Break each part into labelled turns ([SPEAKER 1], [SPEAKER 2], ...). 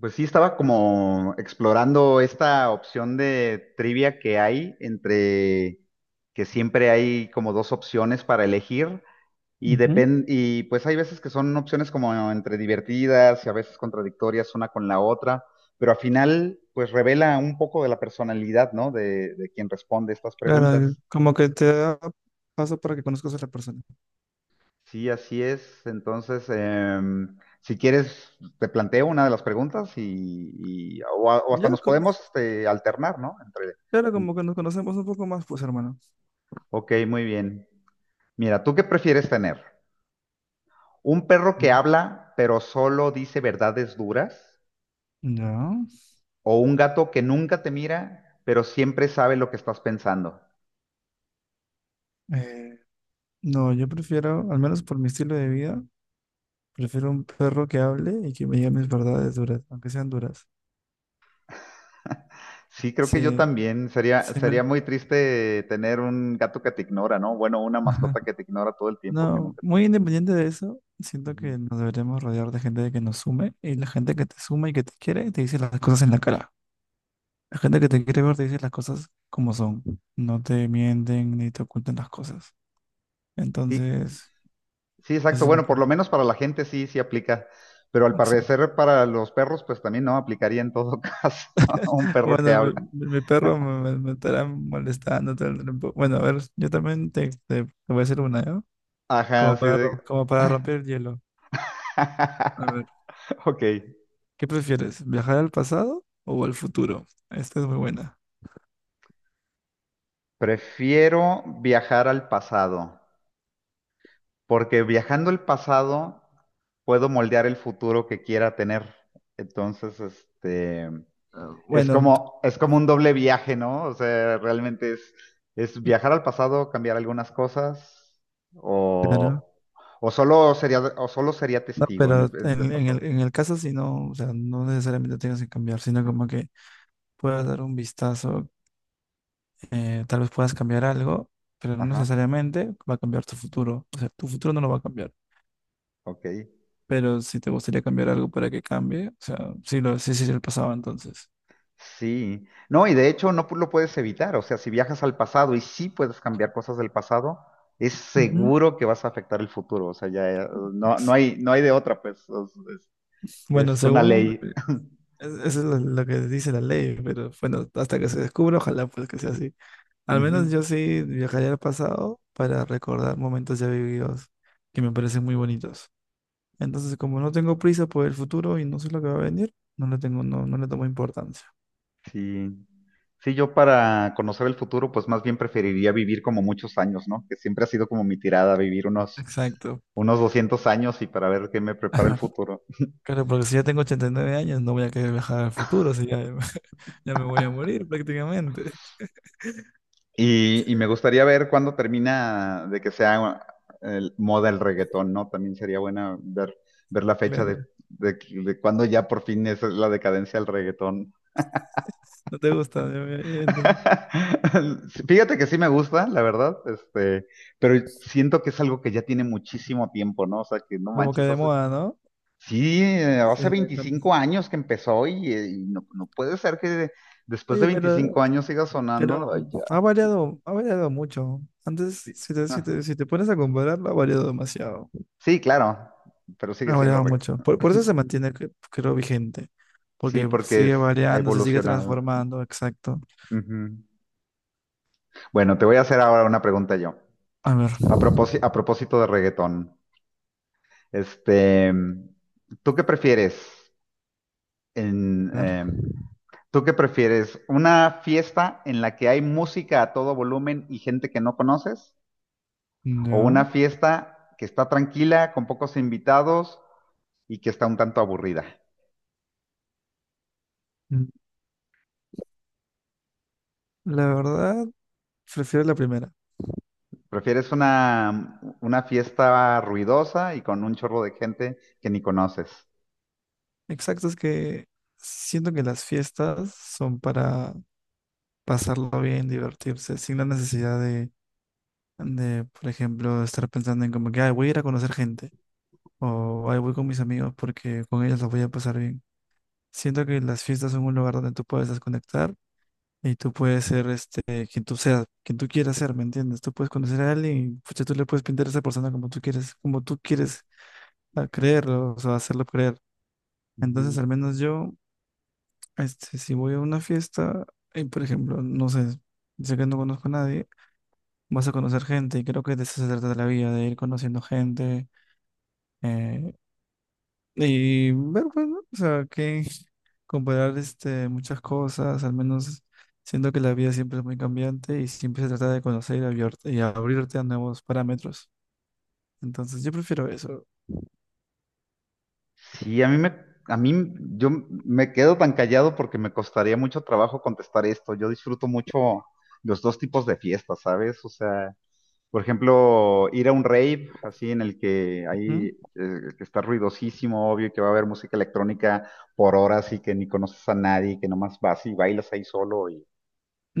[SPEAKER 1] Pues sí, estaba como explorando esta opción de trivia que hay entre que siempre hay como dos opciones para elegir y
[SPEAKER 2] Ujú.
[SPEAKER 1] depende y pues hay veces que son opciones como entre divertidas y a veces contradictorias una con la otra, pero al final pues revela un poco de la personalidad, ¿no? De quien responde estas
[SPEAKER 2] Claro,
[SPEAKER 1] preguntas.
[SPEAKER 2] como que te da paso para que conozcas a la persona.
[SPEAKER 1] Sí, así es. Entonces, si quieres, te planteo una de las preguntas y- o, a- o hasta
[SPEAKER 2] Ya,
[SPEAKER 1] nos
[SPEAKER 2] como,
[SPEAKER 1] podemos este, alternar, ¿no? Entre...
[SPEAKER 2] claro, como que nos conocemos un poco más, pues, hermano.
[SPEAKER 1] Ok, muy bien. Mira, ¿tú qué prefieres tener? ¿Un perro que
[SPEAKER 2] Ujú.
[SPEAKER 1] habla pero solo dice verdades duras?
[SPEAKER 2] Ya.
[SPEAKER 1] ¿O un gato que nunca te mira pero siempre sabe lo que estás pensando?
[SPEAKER 2] eh, no, yo prefiero, al menos por mi estilo de vida, prefiero un perro que hable y que me diga mis verdades duras, aunque sean duras.
[SPEAKER 1] Sí, creo que yo
[SPEAKER 2] Sí,
[SPEAKER 1] también. Sería,
[SPEAKER 2] sí me...
[SPEAKER 1] sería muy triste tener un gato que te ignora, ¿no? Bueno, una mascota que te ignora todo el tiempo, que
[SPEAKER 2] No,
[SPEAKER 1] nunca...
[SPEAKER 2] muy independiente de eso, siento
[SPEAKER 1] Ujú.
[SPEAKER 2] que nos deberíamos rodear de gente que nos sume y la gente que te suma y que te quiere te dice las cosas en la cara. La gente que te quiere ver te dice las cosas como son. No te mienten ni te ocultan las cosas.
[SPEAKER 1] Sí,
[SPEAKER 2] Entonces,
[SPEAKER 1] sí,
[SPEAKER 2] ese
[SPEAKER 1] exacto.
[SPEAKER 2] es mi
[SPEAKER 1] Bueno, por lo
[SPEAKER 2] punto.
[SPEAKER 1] menos para la gente sí, sí aplica, pero al
[SPEAKER 2] Exacto.
[SPEAKER 1] parecer para los perros, pues también no aplicaría en todo caso un perro que
[SPEAKER 2] Bueno, mi,
[SPEAKER 1] habla.
[SPEAKER 2] mi- mi perro me estará molestando todo el tiempo. Bueno, a ver, yo también te voy a hacer una, ¿no? Como
[SPEAKER 1] Ajá, sí.
[SPEAKER 2] para,
[SPEAKER 1] De...
[SPEAKER 2] como para romper el hielo. A ver,
[SPEAKER 1] Ok.
[SPEAKER 2] ¿qué prefieres? ¿Viajar al pasado o al futuro? Esta es muy buena.
[SPEAKER 1] Prefiero viajar al pasado, porque viajando al pasado puedo moldear el futuro que quiera tener. Entonces,
[SPEAKER 2] Ah,
[SPEAKER 1] es
[SPEAKER 2] bueno,
[SPEAKER 1] como, es como un doble viaje, ¿no? O sea, realmente es viajar al pasado, cambiar algunas cosas,
[SPEAKER 2] claro.
[SPEAKER 1] o, o solo sería
[SPEAKER 2] No,
[SPEAKER 1] testigo
[SPEAKER 2] pero
[SPEAKER 1] en ese
[SPEAKER 2] en, en
[SPEAKER 1] pasado.
[SPEAKER 2] el, en el caso si no, o sea, no necesariamente tienes que cambiar, sino como que puedas dar un vistazo, tal vez puedas cambiar algo, pero no
[SPEAKER 1] Ajá,
[SPEAKER 2] necesariamente va a cambiar tu futuro. O sea, tu futuro no lo va a cambiar.
[SPEAKER 1] ok.
[SPEAKER 2] Pero si te gustaría cambiar algo para que cambie, o sea, sí, lo, sí, sí, sí, lo pasaba entonces.
[SPEAKER 1] Sí. No, y de hecho no pu- lo puedes evitar. O sea, si viajas al pasado y sí puedes cambiar cosas del pasado, es
[SPEAKER 2] Ujú.
[SPEAKER 1] seguro que vas a afectar el futuro. O sea, ya no hay de otra, pues.
[SPEAKER 2] Bueno,
[SPEAKER 1] Es una
[SPEAKER 2] según,
[SPEAKER 1] ley.
[SPEAKER 2] eso es lo que dice la ley, pero bueno, hasta que se descubra, ojalá pues que sea así. Al menos
[SPEAKER 1] Ujú.
[SPEAKER 2] yo sí viajaría al pasado para recordar momentos ya vividos que me parecen muy bonitos. Entonces, como no tengo prisa por el futuro y no sé lo que va a venir, no le tengo, no le tomo importancia.
[SPEAKER 1] Sí. Sí, yo para conocer el futuro, pues más bien preferiría vivir como muchos años, ¿no? Que siempre ha sido como mi tirada, vivir unos,
[SPEAKER 2] Exacto.
[SPEAKER 1] unos 200 años y para ver qué me prepara el futuro.
[SPEAKER 2] Claro, porque si ya tengo 89 años, no voy a querer viajar al futuro, si ya, ya me voy a morir prácticamente.
[SPEAKER 1] Y me gustaría ver cuándo termina de que sea moda el reggaetón, ¿no? También sería buena ver, ver la fecha
[SPEAKER 2] Claro,
[SPEAKER 1] de cuándo ya por fin es la decadencia del reggaetón.
[SPEAKER 2] no te gusta,
[SPEAKER 1] Fíjate que sí me gusta, la verdad, pero siento que es algo que ya tiene muchísimo tiempo, ¿no? O sea, que no
[SPEAKER 2] como que
[SPEAKER 1] manches,
[SPEAKER 2] de
[SPEAKER 1] hace
[SPEAKER 2] moda, ¿no?
[SPEAKER 1] sí,
[SPEAKER 2] Sí,
[SPEAKER 1] hace
[SPEAKER 2] ya con-
[SPEAKER 1] 25 años que empezó y no, no puede ser que después de
[SPEAKER 2] Oye,
[SPEAKER 1] 25 años siga sonando.
[SPEAKER 2] pero
[SPEAKER 1] Ay, ya.
[SPEAKER 2] ha variado mucho. Antes,
[SPEAKER 1] Sí, ajá.
[SPEAKER 2] si te pones a compararlo, ha variado demasiado.
[SPEAKER 1] Sí, claro, pero sigue
[SPEAKER 2] Ha
[SPEAKER 1] siendo
[SPEAKER 2] variado
[SPEAKER 1] reggaetón.
[SPEAKER 2] mucho. Por eso se mantiene, creo, vigente.
[SPEAKER 1] Sí,
[SPEAKER 2] Porque
[SPEAKER 1] porque
[SPEAKER 2] sigue
[SPEAKER 1] ha
[SPEAKER 2] variando, se sigue
[SPEAKER 1] evolucionado.
[SPEAKER 2] transformando, exacto.
[SPEAKER 1] Ujú. Bueno, te voy a hacer ahora una pregunta yo.
[SPEAKER 2] A ver,
[SPEAKER 1] A propósito de reggaetón, este, ¿tú qué prefieres en,
[SPEAKER 2] a ver,
[SPEAKER 1] eh, ¿tú qué prefieres? ¿Una fiesta en la que hay música a todo volumen y gente que no conoces? ¿O una
[SPEAKER 2] ya.
[SPEAKER 1] fiesta que está tranquila, con pocos invitados y que está un tanto aburrida?
[SPEAKER 2] Mm, la verdad, prefiero la primera.
[SPEAKER 1] Prefieres una fiesta ruidosa y con un chorro de gente que ni conoces.
[SPEAKER 2] Exacto, es que siento que las fiestas son para pasarlo bien, divertirse, sin la necesidad de, por ejemplo, estar pensando en como que, ay, voy a ir a conocer gente, o ay, voy con mis amigos porque con ellos los voy a pasar bien. Siento que las fiestas son un lugar donde tú puedes desconectar y tú puedes ser este, quien tú seas, quien tú quieras ser, ¿me entiendes? Tú puedes conocer a alguien y pucha, tú le puedes pintar a esa persona como tú quieres, como tú quieres, creerlo, o sea, hacerlo creer. Entonces,
[SPEAKER 1] Ujú.
[SPEAKER 2] al menos yo. Este, si voy a una fiesta, y por ejemplo, no sé, sé que no conozco a nadie, vas a conocer gente y creo que de eso se trata la vida, de ir conociendo gente, eh, y ver, pues, ¿no? O sea, que comparar este, muchas cosas, al menos siento que la vida siempre es muy cambiante y siempre se trata de conocer y, y abrirte a nuevos parámetros. Entonces, yo prefiero eso.
[SPEAKER 1] Sí, a mí me, a mí yo me quedo tan callado porque me costaría mucho trabajo contestar esto. Yo disfruto mucho los dos tipos de fiestas, ¿sabes? O sea, por ejemplo, ir a un rave, así en el que hay,
[SPEAKER 2] Ujú.
[SPEAKER 1] que está ruidosísimo, obvio, que va a haber música electrónica por horas y que ni conoces a nadie, que nomás vas y bailas ahí solo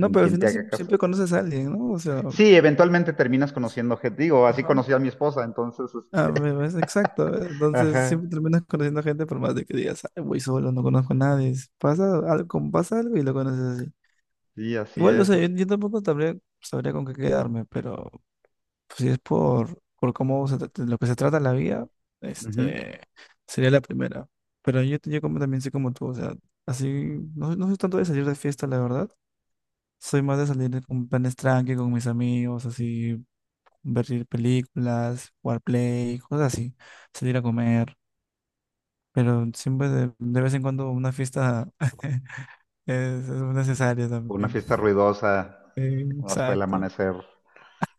[SPEAKER 1] y ni
[SPEAKER 2] pero al
[SPEAKER 1] quien te
[SPEAKER 2] final
[SPEAKER 1] haga caso.
[SPEAKER 2] siempre conoces a alguien, ¿no? O sea,
[SPEAKER 1] Sí, eventualmente terminas conociendo gente, digo, así
[SPEAKER 2] ajá.
[SPEAKER 1] conocí a mi esposa, entonces, es-
[SPEAKER 2] Ah, me parece exacto. ¿Eh? Entonces
[SPEAKER 1] ajá,
[SPEAKER 2] siempre terminas conociendo gente por más de que digas, "Ay, voy solo, no conozco a nadie. Pasa algo, como pasa algo y lo conoces así."
[SPEAKER 1] sí, así
[SPEAKER 2] Igual, o
[SPEAKER 1] es.
[SPEAKER 2] sea,
[SPEAKER 1] Ujú.
[SPEAKER 2] yo tampoco sabría con qué quedarme, pero pues, si es por cómo se, lo que se trata la vida, este, sería la primera. Pero yo como también soy como tú, o sea, así, no, no soy tanto de salir de fiesta, la verdad. Soy más de salir con planes tranqui, con mis amigos, así, ver películas, jugar play, cosas así, salir a comer. Pero siempre de vez en cuando una fiesta es, es necesaria
[SPEAKER 1] Una
[SPEAKER 2] también.
[SPEAKER 1] fiesta ruidosa hasta el
[SPEAKER 2] Exacto.
[SPEAKER 1] amanecer.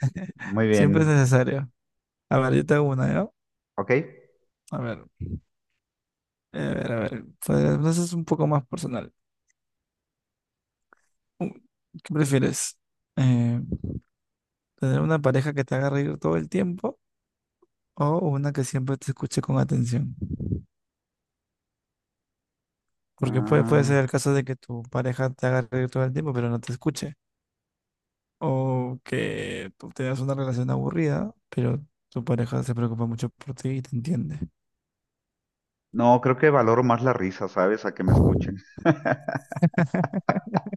[SPEAKER 1] Muy
[SPEAKER 2] Siempre es
[SPEAKER 1] bien,
[SPEAKER 2] necesario. A ver, yo te hago una, ¿ya?
[SPEAKER 1] ok.
[SPEAKER 2] A ver, a ver, a ver. Pues, entonces es un poco más personal. Uh, ¿Qué prefieres? Eh, ¿Tener una pareja que te haga reír todo el tiempo o una que siempre te escuche con atención? Porque puede ser el
[SPEAKER 1] Ah,
[SPEAKER 2] caso de que tu pareja te haga reír todo el tiempo, pero no te escuche. O que tú tengas una relación aburrida, pero tu pareja se preocupa mucho por ti y te entiende.
[SPEAKER 1] no, creo que valoro más la risa, ¿sabes? A que me escuchen.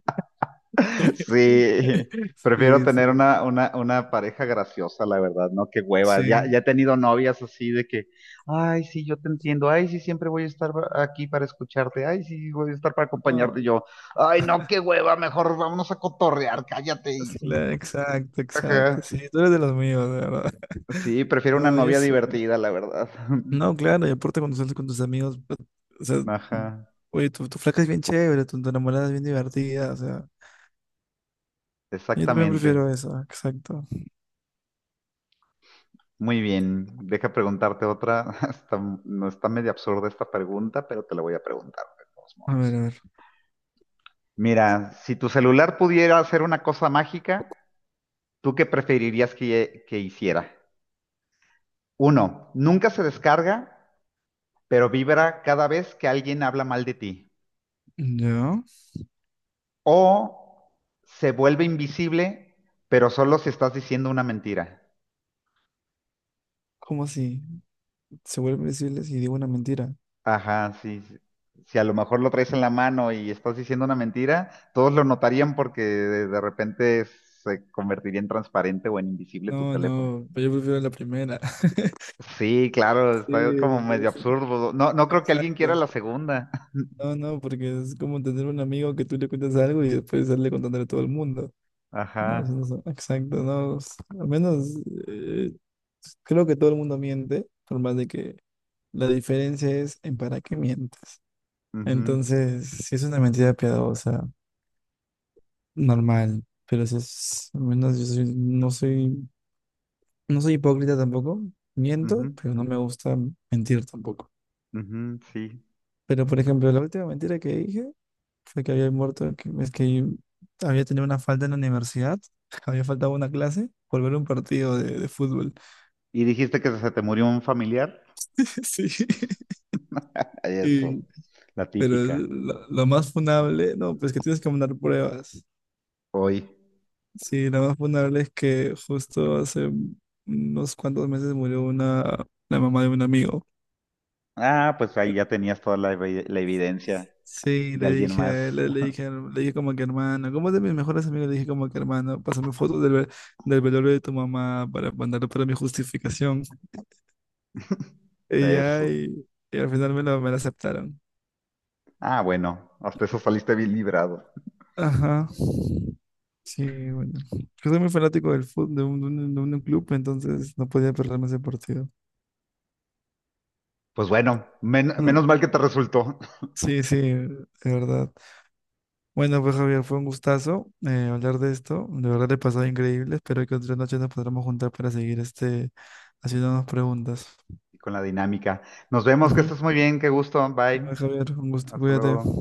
[SPEAKER 1] Sí, prefiero
[SPEAKER 2] Sí,
[SPEAKER 1] tener
[SPEAKER 2] sí,
[SPEAKER 1] una pareja graciosa, la verdad, ¿no? Qué hueva. Ya,
[SPEAKER 2] sí.
[SPEAKER 1] ya he tenido novias así de que, ay, sí, yo te entiendo, ay, sí, siempre voy a estar aquí para escucharte, ay, sí, voy a estar para acompañarte. Y
[SPEAKER 2] No,
[SPEAKER 1] yo, ay, no, qué hueva, mejor vámonos a cotorrear, cállate.
[SPEAKER 2] sí,
[SPEAKER 1] Y-
[SPEAKER 2] exacto, exacto.
[SPEAKER 1] ajá.
[SPEAKER 2] Sí, tú eres de los míos, de verdad.
[SPEAKER 1] Sí, prefiero una
[SPEAKER 2] No, yo
[SPEAKER 1] novia
[SPEAKER 2] sé.
[SPEAKER 1] divertida, la verdad.
[SPEAKER 2] No, claro, y aparte cuando sales con tus amigos, pues, o sea,
[SPEAKER 1] Ajá,
[SPEAKER 2] oye, tu flaca es bien chévere, tu enamorada es bien divertida, o sea, yo también
[SPEAKER 1] exactamente.
[SPEAKER 2] prefiero eso, exacto.
[SPEAKER 1] Muy bien, deja preguntarte otra. Está- no está medio absurda esta pregunta, pero te la voy a preguntar de todos
[SPEAKER 2] A ver,
[SPEAKER 1] modos.
[SPEAKER 2] a ver.
[SPEAKER 1] Mira, si tu celular pudiera hacer una cosa mágica, ¿tú qué preferirías que hiciera? Uno, nunca se descarga, pero vibra cada vez que alguien habla mal de ti.
[SPEAKER 2] Ya.
[SPEAKER 1] O se vuelve invisible, pero solo si estás diciendo una mentira.
[SPEAKER 2] ¿Cómo así? Se vuelven visibles y digo una mentira.
[SPEAKER 1] Ajá, sí. Sí. Si a lo mejor lo traes en la mano y estás diciendo una mentira, todos lo notarían porque de repente se convertiría en transparente o en invisible tu
[SPEAKER 2] No,
[SPEAKER 1] teléfono.
[SPEAKER 2] no, pero yo prefiero la primera.
[SPEAKER 1] Sí, claro, está
[SPEAKER 2] Sí,
[SPEAKER 1] como medio
[SPEAKER 2] pues,
[SPEAKER 1] absurdo. No, no creo que alguien quiera
[SPEAKER 2] exacto.
[SPEAKER 1] la segunda.
[SPEAKER 2] No, no, porque es como tener un amigo que tú le cuentas algo y después sale contándole a todo el mundo. No, eso
[SPEAKER 1] Ajá.
[SPEAKER 2] no exacto, no. Al menos eh, creo que todo el mundo miente, por más de que la diferencia es en para qué mientes.
[SPEAKER 1] Ujú,
[SPEAKER 2] Entonces, si es una mentira piadosa, normal, pero si es, al menos no soy, no soy hipócrita tampoco,
[SPEAKER 1] ujú,
[SPEAKER 2] miento, pero no me gusta mentir tampoco.
[SPEAKER 1] ujú, sí.
[SPEAKER 2] Pero, por ejemplo, la última mentira que dije fue que había muerto, que, es que había tenido una falta en la universidad, había faltado una clase por ver un partido de fútbol.
[SPEAKER 1] ¿Y dijiste que se te murió un familiar?
[SPEAKER 2] Sí,
[SPEAKER 1] Ay, eso,
[SPEAKER 2] y-
[SPEAKER 1] la
[SPEAKER 2] pero
[SPEAKER 1] típica.
[SPEAKER 2] lo más funable, no, pues que tienes que mandar pruebas.
[SPEAKER 1] Hoy.
[SPEAKER 2] Sí, lo más funable es que justo hace unos cuantos meses murió una, la mamá de un amigo.
[SPEAKER 1] Ah, pues ahí ya tenías toda la evidencia
[SPEAKER 2] Sí,
[SPEAKER 1] de
[SPEAKER 2] le
[SPEAKER 1] alguien
[SPEAKER 2] dije a él,
[SPEAKER 1] más
[SPEAKER 2] le dije como que hermano, como de mis mejores amigos, le dije como que hermano, pásame fotos del, del velorio de tu mamá para mandarlo para mi justificación. Y
[SPEAKER 1] de
[SPEAKER 2] ya,
[SPEAKER 1] eso.
[SPEAKER 2] y al final me lo aceptaron.
[SPEAKER 1] Ah, bueno, hasta eso saliste bien librado.
[SPEAKER 2] Ajá. Sí, bueno. Yo soy muy fanático del fútbol, de un club, entonces no podía perderme ese partido.
[SPEAKER 1] Pues bueno,
[SPEAKER 2] Bueno,
[SPEAKER 1] menos mal que te resultó
[SPEAKER 2] sí, sí, de verdad. Bueno, pues Javier, fue un gustazo, hablar de esto. De verdad le he pasado increíble. Espero que otra noche nos podamos juntar para seguir este haciéndonos preguntas.
[SPEAKER 1] con la dinámica. Nos vemos, que
[SPEAKER 2] Ujú.
[SPEAKER 1] estés muy bien, qué gusto. Bye.
[SPEAKER 2] Bueno, Javier, un gusto.
[SPEAKER 1] Hasta
[SPEAKER 2] Cuídate.
[SPEAKER 1] luego.